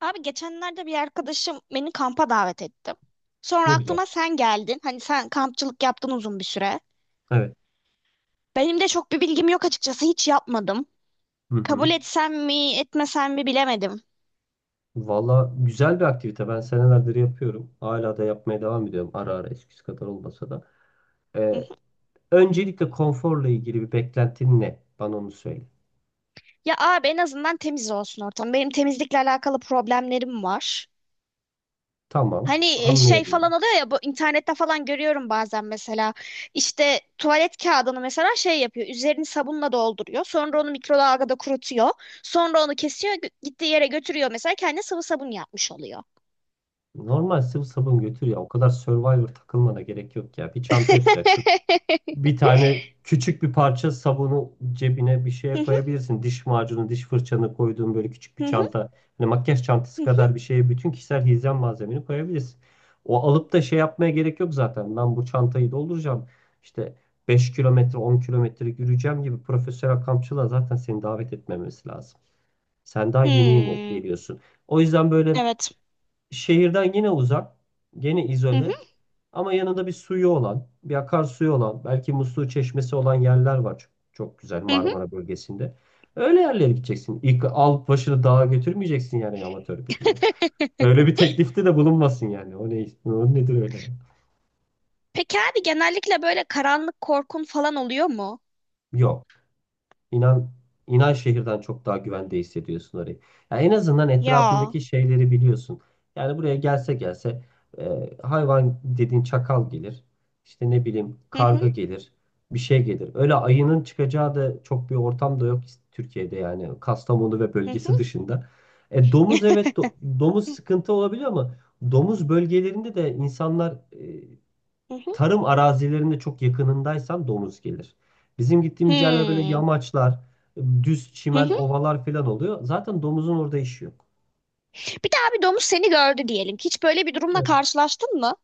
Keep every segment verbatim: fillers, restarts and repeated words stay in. Abi geçenlerde bir arkadaşım beni kampa davet etti. Sonra Ne güzel. aklıma sen geldin. Hani sen kampçılık yaptın uzun bir süre. Evet. Benim de çok bir bilgim yok açıkçası. Hiç yapmadım. Hı Kabul hı. etsem mi, etmesem mi bilemedim. Valla güzel bir aktivite. Ben senelerdir yapıyorum. Hala da yapmaya devam ediyorum. Ara ara eskisi kadar olmasa da. Hı Ee, hı. öncelikle konforla ilgili bir beklentin ne? Bana onu söyle. Ya abi en azından temiz olsun ortam. Benim temizlikle alakalı problemlerim var. Tamam. Hani e, şey falan Anlayabilirim. oluyor ya, bu internette falan görüyorum bazen, mesela işte tuvalet kağıdını mesela şey yapıyor, üzerini sabunla dolduruyor, sonra onu mikrodalgada kurutuyor, sonra onu kesiyor, gö- gittiği yere götürüyor, mesela kendi sıvı sabun yapmış oluyor. Normal sıvı sabun götür ya. O kadar Survivor takılmana gerek yok ya. Bir çanta yapacaksın. Bir tane küçük bir parça sabunu cebine bir şeye Hı hı, koyabilirsin. Diş macunu, diş fırçanı koyduğun böyle küçük hı bir hı, çanta. Hani makyaj hı çantası hı. kadar bir şeye bütün kişisel hijyen malzemeni koyabilirsin. O alıp da şey yapmaya gerek yok zaten. Ben bu çantayı dolduracağım. İşte beş kilometre, on kilometre yürüyeceğim gibi profesyonel kampçılığa zaten seni davet etmemesi lazım. Sen daha yeni yeni Hmm. geliyorsun. O yüzden böyle Evet. şehirden yine uzak, gene Hı hı, izole ama yanında bir suyu olan, bir akarsuyu olan, belki musluğu çeşmesi olan yerler var. Çok, çok güzel hı hı. Marmara bölgesinde. Öyle yerlere gideceksin. İlk al başını dağa götürmeyeceksin yani amatör birine. Öyle bir teklifte de bulunmasın yani. O ne, o nedir öyle? Peki abi, genellikle böyle karanlık korkun falan oluyor mu? Yok. İnan, inan şehirden çok daha güvende hissediyorsun orayı. Ya en azından Ya. etrafındaki şeyleri biliyorsun. Yani buraya gelse gelse e, hayvan dediğin çakal gelir. İşte ne bileyim Hı hı, karga gelir. Bir şey gelir. Öyle ayının çıkacağı da çok bir ortam da yok Türkiye'de yani Kastamonu ve hı bölgesi hı. dışında. E, domuz evet do- domuz sıkıntı olabiliyor ama domuz bölgelerinde de insanlar e, Hı hı. Tarım arazilerinde çok yakınındaysan domuz gelir. Bizim gittiğimiz yerler böyle yamaçlar, düz çimen, Hmm. ovalar falan oluyor. Zaten domuzun orada işi yok. Bir daha, bir domuz seni gördü diyelim. Hiç böyle bir durumla Evet. karşılaştın mı?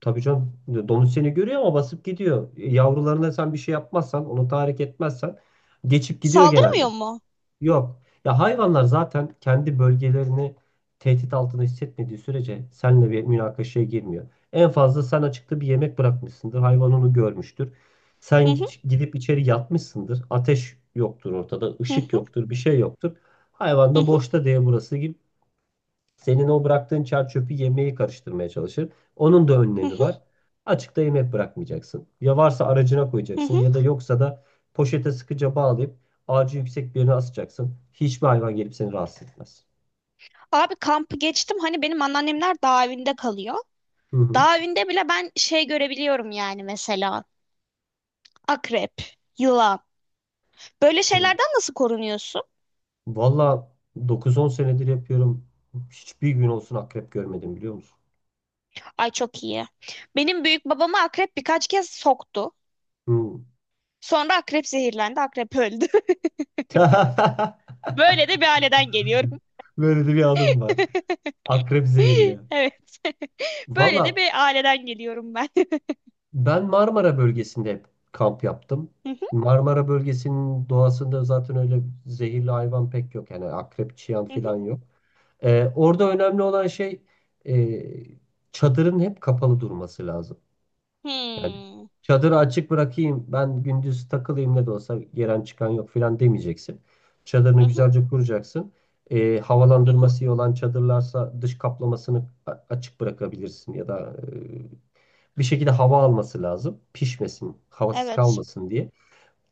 Tabii canım domuz seni görüyor ama basıp gidiyor. Yavrularına sen bir şey yapmazsan, onu tahrik etmezsen geçip gidiyor genelde. Saldırmıyor mu? Yok. Ya hayvanlar zaten kendi bölgelerini tehdit altında hissetmediği sürece seninle bir münakaşaya girmiyor. En fazla sen açıkta bir yemek bırakmışsındır. Hayvan onu görmüştür. Sen Hı hı, gi- gidip içeri yatmışsındır. Ateş yoktur ortada, hı ışık hı, yoktur, bir şey yoktur. Hayvan da hı boşta diye burası gibi senin o bıraktığın çer çöpü yemeği karıştırmaya çalışır. Onun da hı, önlemi var. Açıkta yemek bırakmayacaksın. Ya varsa aracına hı hı, koyacaksın hı. ya da yoksa da poşete sıkıca bağlayıp ağacı yüksek bir yerine asacaksın. Hiçbir hayvan gelip seni rahatsız etmez. Abi, kampı geçtim. Hani benim anneannemler dağ evinde kalıyor. Hı hı. Dağ evinde bile ben şey görebiliyorum yani mesela. Akrep, yılan. Böyle Hı. şeylerden nasıl korunuyorsun? Valla dokuz on senedir yapıyorum. Hiçbir gün olsun akrep görmedim biliyor musun? Ay çok iyi. Benim büyük babamı akrep birkaç kez soktu. Hı. Sonra akrep zehirlendi, akrep öldü. Böyle de bir aileden geliyorum. Böyle de bir anım var. Akrep zehirli. Evet. Böyle Valla de bir aileden geliyorum ben. ben Marmara bölgesinde hep kamp yaptım. Hı hı, Marmara bölgesinin doğasında zaten öyle zehirli hayvan pek yok. Yani akrep, çıyan hı hı. falan yok. Ee, orada önemli olan şey e, çadırın hep kapalı durması lazım. Yani Hmm. çadırı açık bırakayım ben gündüz takılayım ne de olsa gelen çıkan yok falan demeyeceksin. Çadırını Hı hı, güzelce kuracaksın. Ee, hı hı. havalandırması iyi olan çadırlarsa dış kaplamasını a- açık bırakabilirsin ya da e, bir şekilde hava alması lazım. Pişmesin, havasız Evet. kalmasın diye.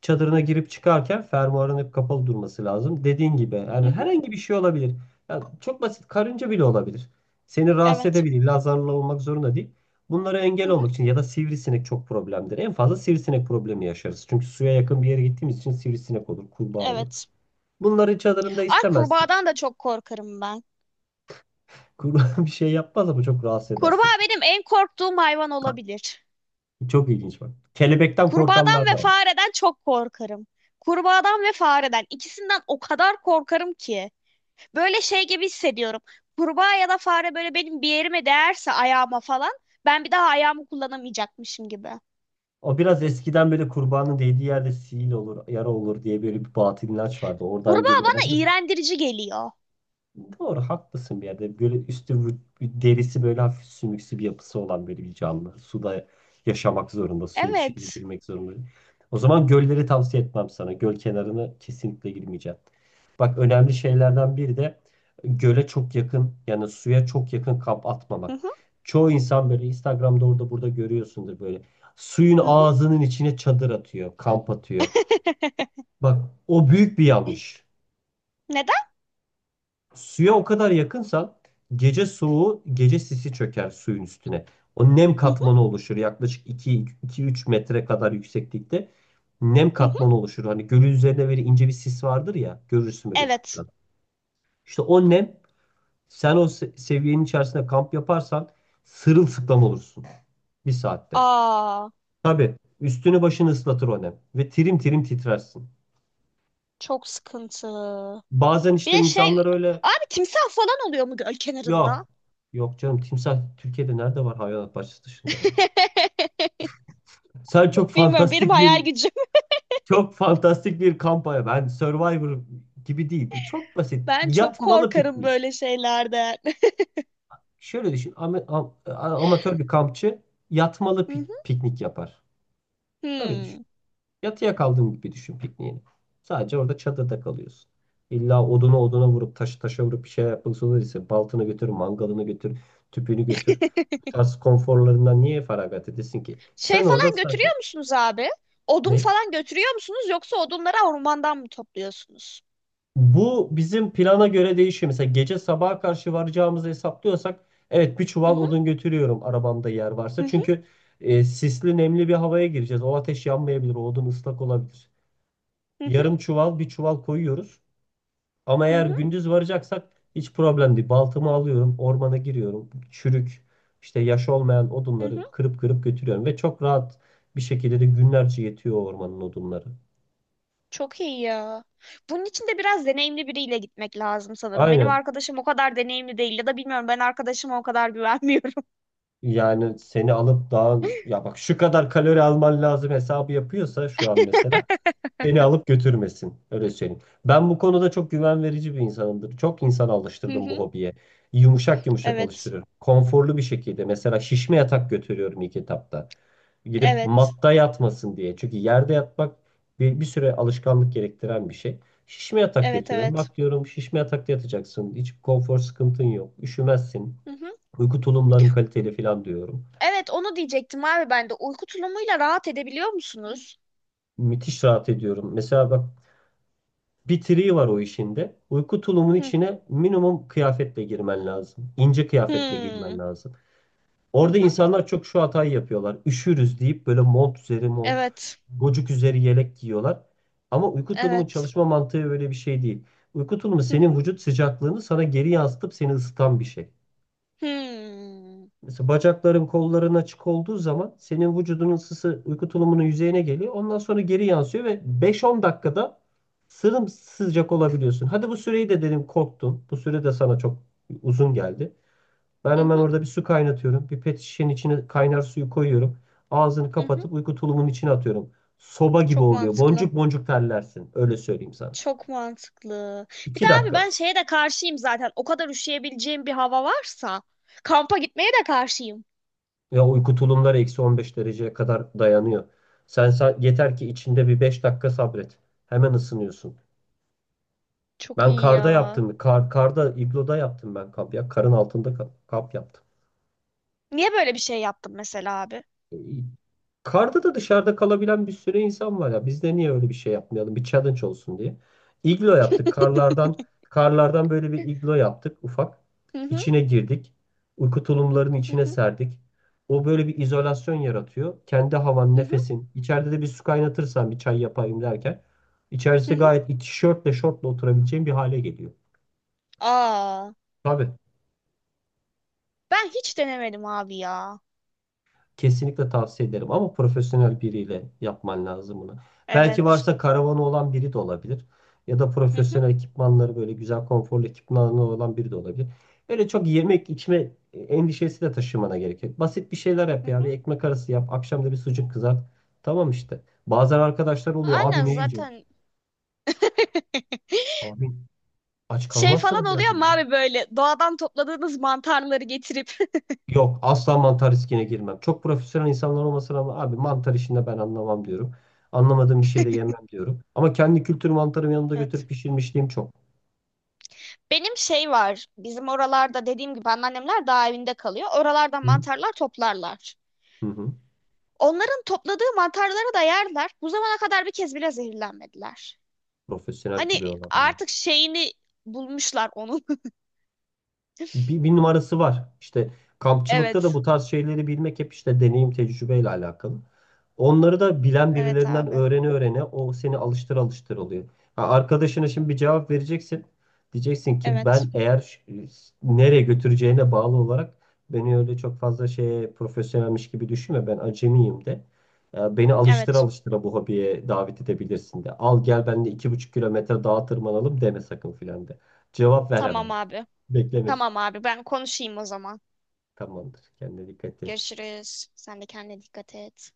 Çadırına girip çıkarken fermuarın hep kapalı durması lazım. Dediğin gibi Hı yani hı. herhangi bir şey olabilir. Yani çok basit karınca bile olabilir. Seni rahatsız Evet. edebilir. İlla zararlı olmak zorunda değil. Bunlara Hı engel hı. olmak için ya da sivrisinek çok problemdir. En fazla sivrisinek problemi yaşarız. Çünkü suya yakın bir yere gittiğimiz için sivrisinek olur, kurbağa olur. Evet. Bunları çadırında Ay, istemezsin. kurbağadan da çok korkarım ben. Kurbağa bir şey yapmaz ama çok rahatsız eder Kurbağa sesi. benim en korktuğum hayvan olabilir. Çok ilginç bak. Kelebekten Kurbağadan korkanlar ve da var. fareden çok korkarım. Kurbağadan ve fareden, ikisinden o kadar korkarım ki. Böyle şey gibi hissediyorum. Kurbağa ya da fare böyle benim bir yerime değerse, ayağıma falan, ben bir daha ayağımı kullanamayacakmışım gibi. O biraz eskiden böyle kurbanın değdiği yerde sihir olur, yara olur diye böyle bir batıl inanç vardı. Oradan Kurbağa geliyor bana olabilir mi? iğrendirici geliyor. Doğru haklısın bir yerde. Böyle üstü vü- derisi böyle hafif sümüksü bir yapısı olan böyle bir canlı. Suda yaşamak zorunda. Suya bir şekilde Evet. girmek zorunda. O zaman gölleri tavsiye etmem sana. Göl kenarına kesinlikle girmeyeceğim. Bak önemli şeylerden biri de göle çok yakın yani suya çok yakın kamp Hı atmamak. hı, Çoğu insan böyle Instagram'da orada burada görüyorsundur böyle. Suyun hı hı. ağzının içine çadır atıyor, kamp atıyor. Bak, o büyük bir yanlış. Neden? Suya o kadar yakınsan gece soğuğu, gece sisi çöker suyun üstüne. O nem Hı hı, katmanı oluşur yaklaşık iki üç metre kadar yükseklikte. Nem hı hı. katmanı oluşur. Hani gölün üzerinde böyle ince bir sis vardır ya görürsün böyle Evet. ufuktan. İşte o nem sen o se- seviyenin içerisinde kamp yaparsan sırılsıklam olursun bir saatte. Aa, Tabii üstünü başını ıslatır o nem ve tirim tirim titrersin. çok sıkıntı. Bazen Bir işte de şey, insanlar öyle abi, timsah falan oluyor mu göl kenarında? Yok. Yok canım, timsah Türkiye'de nerede var hayvanat bahçesi dışında ya? Sen çok Bilmiyorum, benim fantastik hayal bir gücüm. çok fantastik bir kampanya. Ben Survivor gibi değil. Bu çok basit. Ben çok Yatmalı korkarım piknik. böyle şeylerden. Şöyle düşün. ama- am- a- amatör bir kampçı yatmalı Hı pik- hı. piknik yapar. Öyle düşün. Hmm. Yatıya kaldığın gibi düşün pikniğini. Sadece orada çadırda kalıyorsun. İlla oduna oduna vurup taşı taşa vurup bir şey yapmak zorundaysa baltını götür, mangalını götür, tüpünü götür. Bu tarz konforlarından niye feragat edesin ki? Sen Şey orada falan sadece götürüyor musunuz abi? Odun ne? falan götürüyor musunuz, yoksa odunları ormandan mı topluyorsunuz? Bu bizim plana göre değişiyor. Mesela gece sabaha karşı varacağımızı hesaplıyorsak evet bir Hı çuval hı, odun götürüyorum arabamda yer hı varsa. hı, Çünkü e, sisli nemli bir havaya gireceğiz. O ateş yanmayabilir, o odun ıslak olabilir. hı hı, Yarım çuval bir çuval koyuyoruz. Ama hı eğer hı, gündüz varacaksak hiç problem değil. Baltamı alıyorum, ormana giriyorum. Çürük, işte yaş olmayan hı. odunları kırıp kırıp götürüyorum. Ve çok rahat bir şekilde de günlerce yetiyor o ormanın odunları. Çok iyi ya. Bunun için de biraz deneyimli biriyle gitmek lazım sanırım. Benim Aynen. arkadaşım o kadar deneyimli değil, ya da bilmiyorum, ben arkadaşıma o kadar güvenmiyorum. Yani seni alıp dağın, ya bak, şu kadar kalori alman lazım hesabı yapıyorsa şu an mesela. Beni alıp götürmesin. Öyle söyleyeyim. Ben bu konuda çok güven verici bir insanımdır. Çok insan Hı alıştırdım bu hı, hobiye. Yumuşak yumuşak evet. alıştırıyorum. Konforlu bir şekilde. Mesela şişme yatak götürüyorum ilk etapta. Gidip Evet. matta yatmasın diye. Çünkü yerde yatmak bir, bir süre alışkanlık gerektiren bir şey. Şişme yatak Evet, götürüyorum. evet. Bak, diyorum şişme yatakta yatacaksın. Hiç konfor sıkıntın yok. Üşümezsin. Hı hı. Uyku tulumların kaliteli falan diyorum. Evet, onu diyecektim abi ben de. Uyku tulumuyla rahat edebiliyor musunuz? Müthiş rahat ediyorum. Mesela bak, bir triği var o işinde. Uyku tulumun Hı. içine minimum kıyafetle girmen lazım. İnce kıyafetle girmen Hmm. lazım. Hı Orada hı. insanlar çok şu hatayı yapıyorlar. Üşürüz deyip böyle mont üzeri mont, Evet. gocuk üzeri yelek giyiyorlar. Ama uyku tulumun Evet. çalışma mantığı öyle bir şey değil. Uyku tulumu Hı senin hı. vücut sıcaklığını sana geri yansıtıp seni ısıtan bir şey. Hmm. Mesela bacakların, kolların açık olduğu zaman senin vücudunun ısısı uyku tulumunun yüzeyine geliyor. Ondan sonra geri yansıyor ve beş on dakikada sımsıcak olabiliyorsun. Hadi bu süreyi de dedim korktum. Bu süre de sana çok uzun geldi. Ben Hı hemen hı, orada bir su kaynatıyorum. Bir pet şişenin içine kaynar suyu koyuyorum. Ağzını hı hı. kapatıp uyku tulumunun içine atıyorum. Soba gibi Çok oluyor. mantıklı. Boncuk boncuk terlersin. Öyle söyleyeyim sana. Çok mantıklı. Bir iki de abi, dakika. ben şeye de karşıyım zaten. O kadar üşüyebileceğim bir hava varsa kampa gitmeye de karşıyım. Ve uyku tulumları eksi on beş dereceye kadar dayanıyor. Sen, sa- yeter ki içinde bir beş dakika sabret. Hemen ısınıyorsun. Çok Ben iyi karda ya. yaptım. Kar, karda, igloda yaptım ben kamp ya. Karın altında ka- kamp yaptım. Niye böyle bir şey yaptım mesela abi? Karda da dışarıda kalabilen bir sürü insan var ya. Biz de niye öyle bir şey yapmayalım? Bir challenge olsun diye. İglo yaptık. Karlardan karlardan böyle bir iglo yaptık ufak. Hı hı, İçine girdik. Uyku tulumlarının hı içine hı, serdik. O böyle bir izolasyon yaratıyor. Kendi havan, hı hı, nefesin. İçeride de bir su kaynatırsan bir çay yapayım derken. hı İçerisi hı. gayet iç- tişörtle şortla oturabileceğin bir hale geliyor. Aa, Tabii. ben hiç denemedim abi ya. Kesinlikle tavsiye ederim ama profesyonel biriyle yapman lazım bunu. Belki Evet. varsa karavanı olan biri de olabilir. Ya da Hı hı, profesyonel ekipmanları böyle güzel konforlu ekipmanları olan biri de olabilir. Öyle çok yemek içme endişesi de taşımana gerek yok. Basit bir şeyler yap hı ya. Bir hı. ekmek arası yap. Akşam da bir sucuk kızart. Tamam işte. Bazen arkadaşlar oluyor. Abi Aynen ne yiyecek? zaten. Abi aç Şey falan kalmazsınız ya oluyor ama diyorum. abi, böyle doğadan topladığınız mantarları getirip. Yok, asla mantar riskine girmem. Çok profesyonel insanlar olmasına rağmen abi mantar işinde ben anlamam diyorum. Anlamadığım bir şey de yemem diyorum. Ama kendi kültür mantarımı yanımda Evet. götürüp pişirmişliğim çok. Benim şey var. Bizim oralarda dediğim gibi anneannemler dağ evinde kalıyor. Oralardan Hı hı. mantarlar toplarlar. Hı hı. Onların topladığı mantarları da yerler. Bu zamana kadar bir kez bile zehirlenmediler. Profesyonel Hani biliyorlar onu. artık şeyini bulmuşlar onun. bir, bir numarası var. İşte kampçılıkta da Evet. bu tarz şeyleri bilmek hep işte deneyim tecrübeyle alakalı. Onları da bilen Evet birilerinden abi. öğrene öğrene o seni alıştır alıştır oluyor. Ha, arkadaşına şimdi bir cevap vereceksin. Diyeceksin ki Evet. ben eğer ş- nereye götüreceğine bağlı olarak beni öyle çok fazla şeye profesyonelmiş gibi düşünme, ben acemiyim de. Ya, beni alıştır Evet. alıştıra bu hobiye davet edebilirsin de. Al, gel benimle iki buçuk kilometre dağa tırmanalım deme sakın filan de. Cevap ver Tamam hemen. abi. Tamam Beklemesin. abi, ben konuşayım o zaman. Tamamdır. Kendine dikkat et. Görüşürüz. Sen de kendine dikkat et.